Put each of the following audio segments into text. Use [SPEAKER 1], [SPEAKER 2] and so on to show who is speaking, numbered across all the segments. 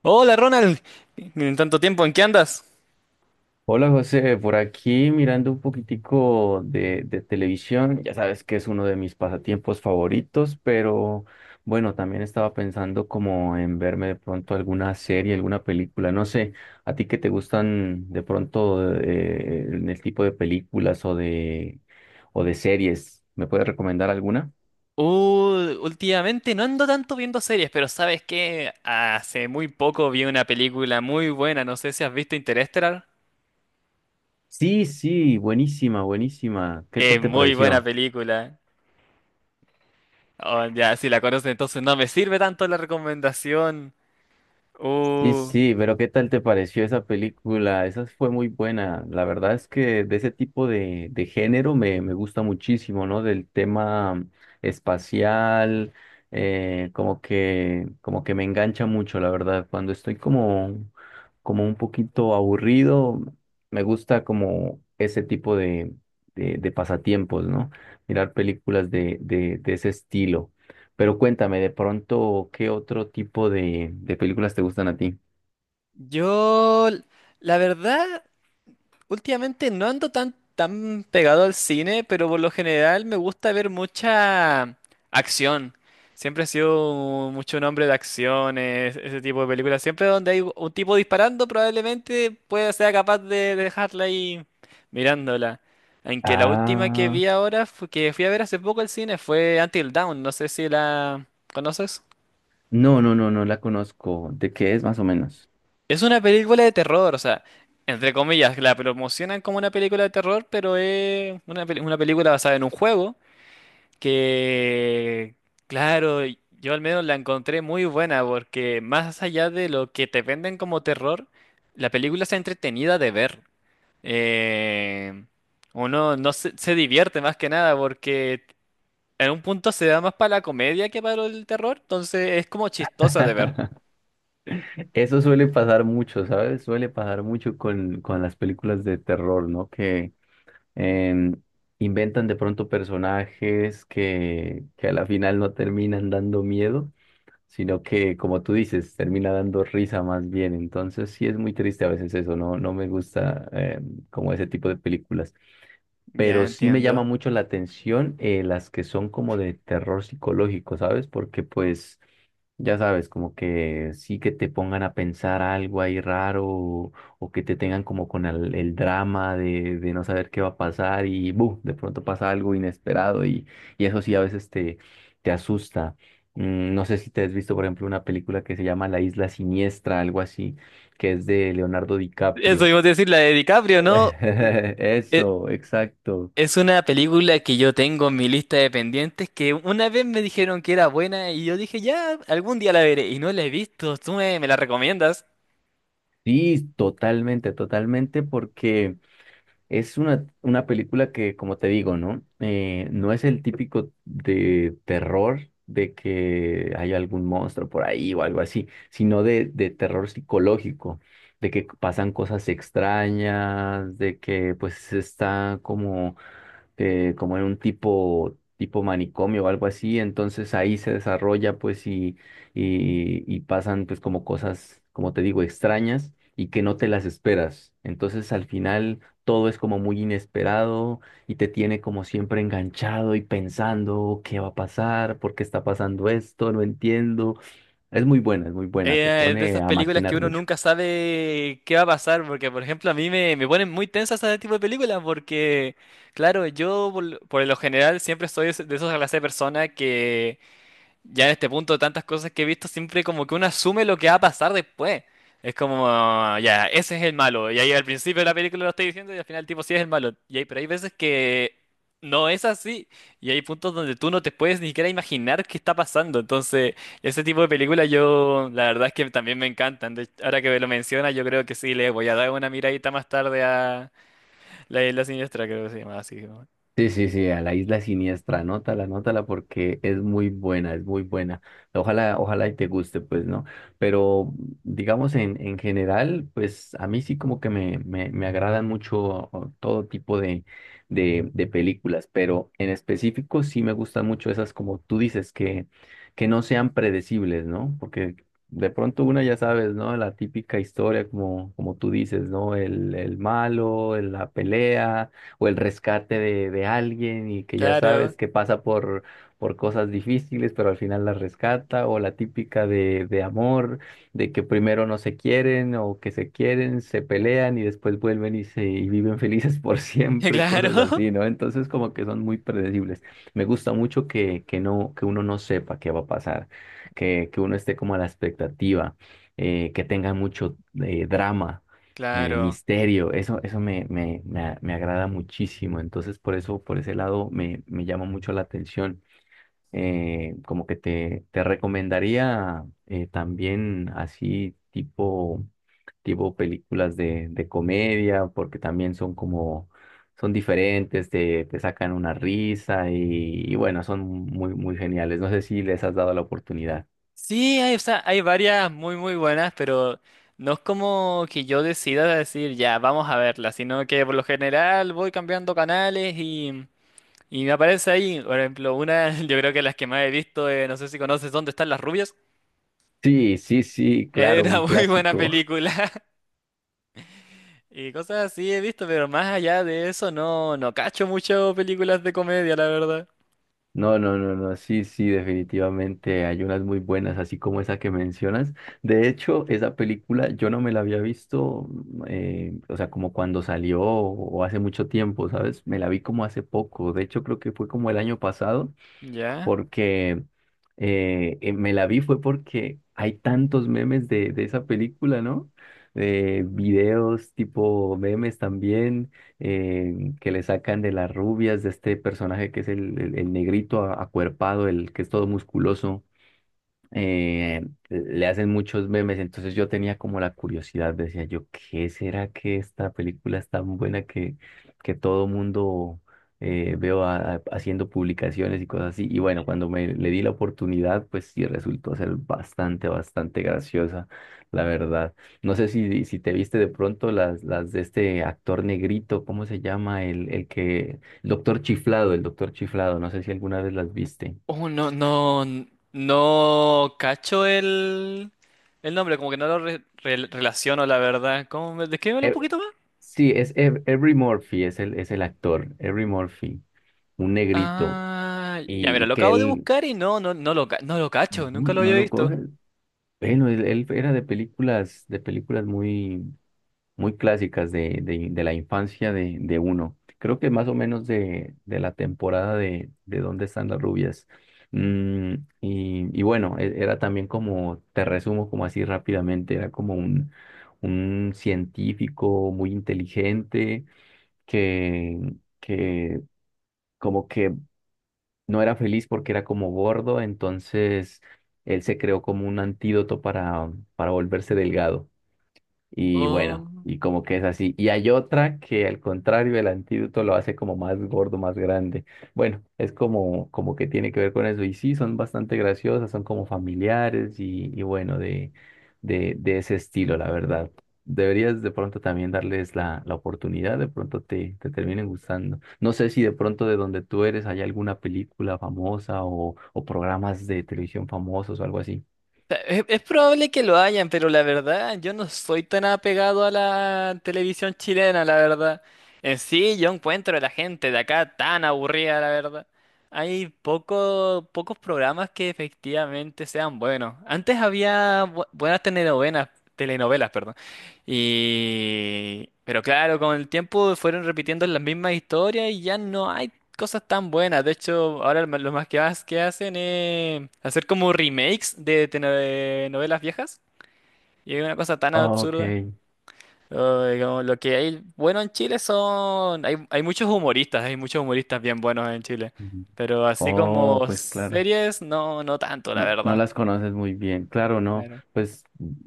[SPEAKER 1] Hola Ronald, en tanto tiempo, ¿en qué andas?
[SPEAKER 2] Hola José, por aquí mirando un poquitico de televisión, ya sabes que es uno de mis pasatiempos favoritos, pero bueno, también estaba pensando como en verme de pronto alguna serie, alguna película, no sé, a ti que te gustan de pronto en el tipo de películas o de series, ¿me puedes recomendar alguna?
[SPEAKER 1] Últimamente no ando tanto viendo series, pero ¿sabes qué? Hace muy poco vi una película muy buena, no sé si has visto Interestelar.
[SPEAKER 2] Sí, sí, buenísima, buenísima, ¿qué
[SPEAKER 1] Es
[SPEAKER 2] tal te
[SPEAKER 1] muy buena
[SPEAKER 2] pareció?
[SPEAKER 1] película. Oh, ya, si la conoces, entonces no me sirve tanto la recomendación.
[SPEAKER 2] Sí,
[SPEAKER 1] Uh,
[SPEAKER 2] sí, pero ¿qué tal te pareció esa película? Esa fue muy buena. La verdad es que de ese tipo de género me gusta muchísimo, ¿no? Del tema espacial, como que me engancha mucho, la verdad. Cuando estoy como, como un poquito aburrido, me gusta como ese tipo de pasatiempos, ¿no? Mirar películas de ese estilo. Pero cuéntame, de pronto, ¿qué otro tipo de películas te gustan a ti?
[SPEAKER 1] yo, la verdad, últimamente no ando tan pegado al cine, pero por lo general me gusta ver mucha acción. Siempre he sido mucho un hombre de acciones, ese tipo de películas. Siempre donde hay un tipo disparando, probablemente pueda sea capaz de dejarla ahí mirándola. Aunque la última que
[SPEAKER 2] Ah,
[SPEAKER 1] vi ahora, que fui a ver hace poco al cine, fue Until Dawn. No sé si la conoces.
[SPEAKER 2] no, no, no, no la conozco. ¿De qué es más o menos?
[SPEAKER 1] Es una película de terror, o sea, entre comillas, la promocionan como una película de terror, pero es una película basada en un juego que, claro, yo al menos la encontré muy buena porque más allá de lo que te venden como terror, la película está entretenida de ver. Eh, uno no se, se divierte más que nada porque en un punto se da más para la comedia que para el terror, entonces es como chistosa de ver.
[SPEAKER 2] Eso suele pasar mucho, ¿sabes? Suele pasar mucho con las películas de terror, ¿no? Que em, inventan de pronto personajes que a la final no terminan dando miedo, sino que, como tú dices, termina dando risa más bien. Entonces sí es muy triste a veces eso, ¿no? No me gusta como ese tipo de películas.
[SPEAKER 1] Ya
[SPEAKER 2] Pero sí me llama
[SPEAKER 1] entiendo.
[SPEAKER 2] mucho la atención las que son como de terror psicológico, ¿sabes? Porque pues, ya sabes, como que sí que te pongan a pensar algo ahí raro o que te tengan como con el drama de no saber qué va a pasar, y ¡bu! De pronto pasa algo inesperado y eso sí a veces te asusta. Mm, no sé si te has visto, por ejemplo, una película que se llama La Isla Siniestra, algo así, que es de Leonardo
[SPEAKER 1] Eso
[SPEAKER 2] DiCaprio.
[SPEAKER 1] iba a decir, la de DiCaprio, ¿no? E-
[SPEAKER 2] Eso, exacto.
[SPEAKER 1] Es una película que yo tengo en mi lista de pendientes que una vez me dijeron que era buena y yo dije, ya, algún día la veré y no la he visto, tú me la recomiendas.
[SPEAKER 2] Sí, totalmente, totalmente, porque es una película que, como te digo, ¿no? No es el típico de terror de que hay algún monstruo por ahí o algo así, sino de terror psicológico, de que pasan cosas extrañas, de que pues está como como en un tipo, tipo manicomio o algo así, entonces ahí se desarrolla pues y, y pasan pues como cosas, como te digo, extrañas y que no te las esperas. Entonces al final todo es como muy inesperado y te tiene como siempre enganchado y pensando qué va a pasar, por qué está pasando esto, no entiendo. Es muy buena, te
[SPEAKER 1] Es de
[SPEAKER 2] pone
[SPEAKER 1] esas
[SPEAKER 2] a
[SPEAKER 1] películas que
[SPEAKER 2] maquinar
[SPEAKER 1] uno
[SPEAKER 2] mucho.
[SPEAKER 1] nunca sabe qué va a pasar, porque por ejemplo a mí me ponen muy tensas ese tipo de películas, porque claro, yo por lo general siempre soy de esa clase de persona que ya en este punto, de tantas cosas que he visto, siempre como que uno asume lo que va a pasar después. Es como, ya, ese es el malo. Y ahí al principio de la película lo estoy diciendo y al final el tipo sí es el malo. Y ahí, pero hay veces que no es así. Y hay puntos donde tú no te puedes ni siquiera imaginar qué está pasando. Entonces, ese tipo de películas yo, la verdad es que también me encantan. Ahora que me lo mencionas, yo creo que sí, le voy a dar una miradita más tarde a La Isla Siniestra, creo que se llama así. Como,
[SPEAKER 2] Sí, sí, sí, a la isla siniestra, anótala, anótala porque es muy buena, es muy buena. Ojalá, ojalá y te guste, pues, ¿no? Pero digamos en general, pues a mí sí como que me agradan mucho o, todo tipo de películas, pero en específico sí me gustan mucho esas como tú dices, que no sean predecibles, ¿no? Porque de pronto una ya sabes, ¿no? La típica historia como, como tú dices, ¿no? El malo, la pelea o el rescate de alguien y que ya
[SPEAKER 1] claro,
[SPEAKER 2] sabes que pasa por cosas difíciles, pero al final la rescata, o la típica de amor, de que primero no se quieren o que se quieren, se pelean y después vuelven y, se, y viven felices por siempre, cosas
[SPEAKER 1] claro,
[SPEAKER 2] así, ¿no? Entonces como que son muy predecibles. Me gusta mucho que, no, que uno no sepa qué va a pasar, que uno esté como a la expectativa, que tenga mucho drama,
[SPEAKER 1] claro.
[SPEAKER 2] misterio, eso, me agrada muchísimo, entonces por eso, por ese lado me llama mucho la atención. Como que te recomendaría también así tipo, tipo películas de comedia, porque también son como, son diferentes, te sacan una risa y bueno, son muy, muy geniales. No sé si les has dado la oportunidad.
[SPEAKER 1] Sí, hay, o sea, hay varias muy muy buenas, pero no es como que yo decida decir ya, vamos a verla, sino que por lo general voy cambiando canales y me aparece ahí, por ejemplo, una, yo creo que las que más he visto, no sé si conoces ¿Dónde están las rubias?
[SPEAKER 2] Sí, sí, sí, claro,
[SPEAKER 1] Era
[SPEAKER 2] un
[SPEAKER 1] muy buena
[SPEAKER 2] clásico.
[SPEAKER 1] película y cosas así he visto, pero más allá de eso no, no cacho mucho películas de comedia, la verdad.
[SPEAKER 2] No, no, no, no, sí, sí, definitivamente hay unas muy buenas, así como esa que mencionas. De hecho, esa película yo no me la había visto, mm, o sea, como cuando salió o hace mucho tiempo, ¿sabes? Me la vi como hace poco, de hecho creo que fue como el año pasado
[SPEAKER 1] ¿Ya?
[SPEAKER 2] porque me la vi fue porque hay tantos memes de esa película, ¿no? Videos tipo memes también que le sacan de las rubias, de este personaje que es el negrito acuerpado, el que es todo musculoso, eh, le hacen muchos memes, entonces yo tenía como la curiosidad, decía yo, ¿qué será que esta película es tan buena que todo mundo veo haciendo publicaciones y cosas así? Y bueno, cuando me le di la oportunidad, pues sí resultó ser bastante, bastante graciosa, la verdad. No sé si, si te viste de pronto las de este actor negrito, ¿cómo se llama? El que, el doctor Chiflado, no sé si alguna vez las viste.
[SPEAKER 1] Oh, no, no, no cacho el nombre, como que no lo relaciono, la verdad. ¿Cómo me, descríbemelo un poquito más?
[SPEAKER 2] Sí, es Every Murphy, es el actor, Every Murphy, un negrito,
[SPEAKER 1] Ah, ya mira,
[SPEAKER 2] y
[SPEAKER 1] lo
[SPEAKER 2] que
[SPEAKER 1] acabo de
[SPEAKER 2] él
[SPEAKER 1] buscar y no, no, no lo, no lo cacho,
[SPEAKER 2] no,
[SPEAKER 1] nunca lo
[SPEAKER 2] no
[SPEAKER 1] había
[SPEAKER 2] lo
[SPEAKER 1] visto.
[SPEAKER 2] coge. Bueno, él era de películas muy, muy clásicas de la infancia de uno. Creo que más o menos de la temporada de ¿Dónde están las rubias? Mm, y bueno, era también como, te resumo como así rápidamente, era como un científico muy inteligente que, que como que no era feliz porque era como gordo, entonces él se creó como un antídoto para volverse delgado. Y bueno, y como que es así. Y hay otra que al contrario, el antídoto lo hace como más gordo, más grande. Bueno, es como, como que tiene que ver con eso. Y sí, son bastante graciosas, son como familiares y bueno, de ese estilo, la verdad. Deberías de pronto también darles la, la oportunidad, de pronto te terminen gustando. No sé si de pronto de donde tú eres hay alguna película famosa o programas de televisión famosos o algo así.
[SPEAKER 1] Es probable que lo hayan, pero la verdad, yo no soy tan apegado a la televisión chilena, la verdad. En sí, yo encuentro a la gente de acá tan aburrida, la verdad. Hay pocos programas que efectivamente sean buenos. Antes había buenas telenovelas, telenovelas, perdón. Y... pero claro, con el tiempo fueron repitiendo las mismas historias y ya no hay cosas tan buenas. De hecho, ahora lo más que, que hacen es hacer como remakes de, de novelas viejas. Y es una cosa tan
[SPEAKER 2] Ok.
[SPEAKER 1] absurda. Ay, como lo que hay bueno en Chile son... hay, hay muchos humoristas bien buenos en Chile.
[SPEAKER 2] Ujú.
[SPEAKER 1] Pero así
[SPEAKER 2] Oh,
[SPEAKER 1] como
[SPEAKER 2] pues claro.
[SPEAKER 1] series, no, no tanto, la
[SPEAKER 2] No, no
[SPEAKER 1] verdad.
[SPEAKER 2] las conoces muy bien, claro, no,
[SPEAKER 1] Claro.
[SPEAKER 2] pues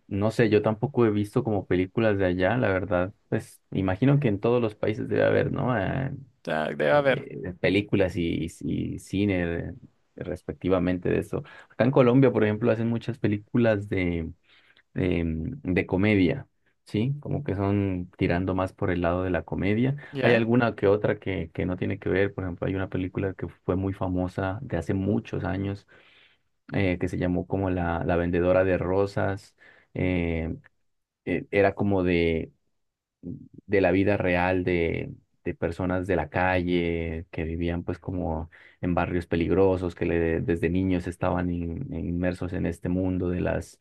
[SPEAKER 2] no sé, yo tampoco he visto como películas de allá, la verdad, pues imagino que en todos los países debe haber, ¿no?
[SPEAKER 1] Ya, debe haber.
[SPEAKER 2] Películas y cine respectivamente de eso. Acá en Colombia, por ejemplo, hacen muchas películas de, de comedia, ¿sí? Como que son tirando más por el lado de la comedia. Hay
[SPEAKER 1] ¿Ya?
[SPEAKER 2] alguna que otra que no tiene que ver, por ejemplo, hay una película que fue muy famosa de hace muchos años que se llamó como la vendedora de rosas. eh, Era como de la vida real de personas de la calle que vivían pues como en barrios peligrosos, que desde niños estaban inmersos en este mundo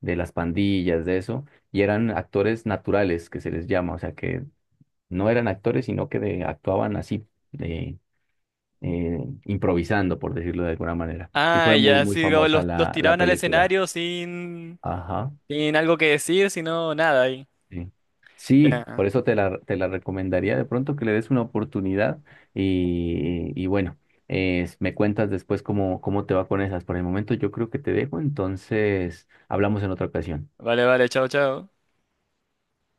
[SPEAKER 2] de las pandillas, de eso. Y eran actores naturales, que se les llama, o sea que no eran actores, sino que actuaban así. De, eh, improvisando, por decirlo de alguna manera. Y
[SPEAKER 1] Ah,
[SPEAKER 2] fue muy,
[SPEAKER 1] ya,
[SPEAKER 2] muy
[SPEAKER 1] sí, como
[SPEAKER 2] famosa
[SPEAKER 1] los
[SPEAKER 2] la, la
[SPEAKER 1] tiraban al
[SPEAKER 2] película.
[SPEAKER 1] escenario sin,
[SPEAKER 2] Ajá,
[SPEAKER 1] sin algo que decir, sino nada ahí.
[SPEAKER 2] sí. Sí,
[SPEAKER 1] Ya.
[SPEAKER 2] por eso te la recomendaría de pronto que le des una oportunidad y bueno, me cuentas después cómo, cómo te va con esas. Por el momento yo creo que te dejo, entonces hablamos en otra ocasión.
[SPEAKER 1] Vale, vale, chao, chao.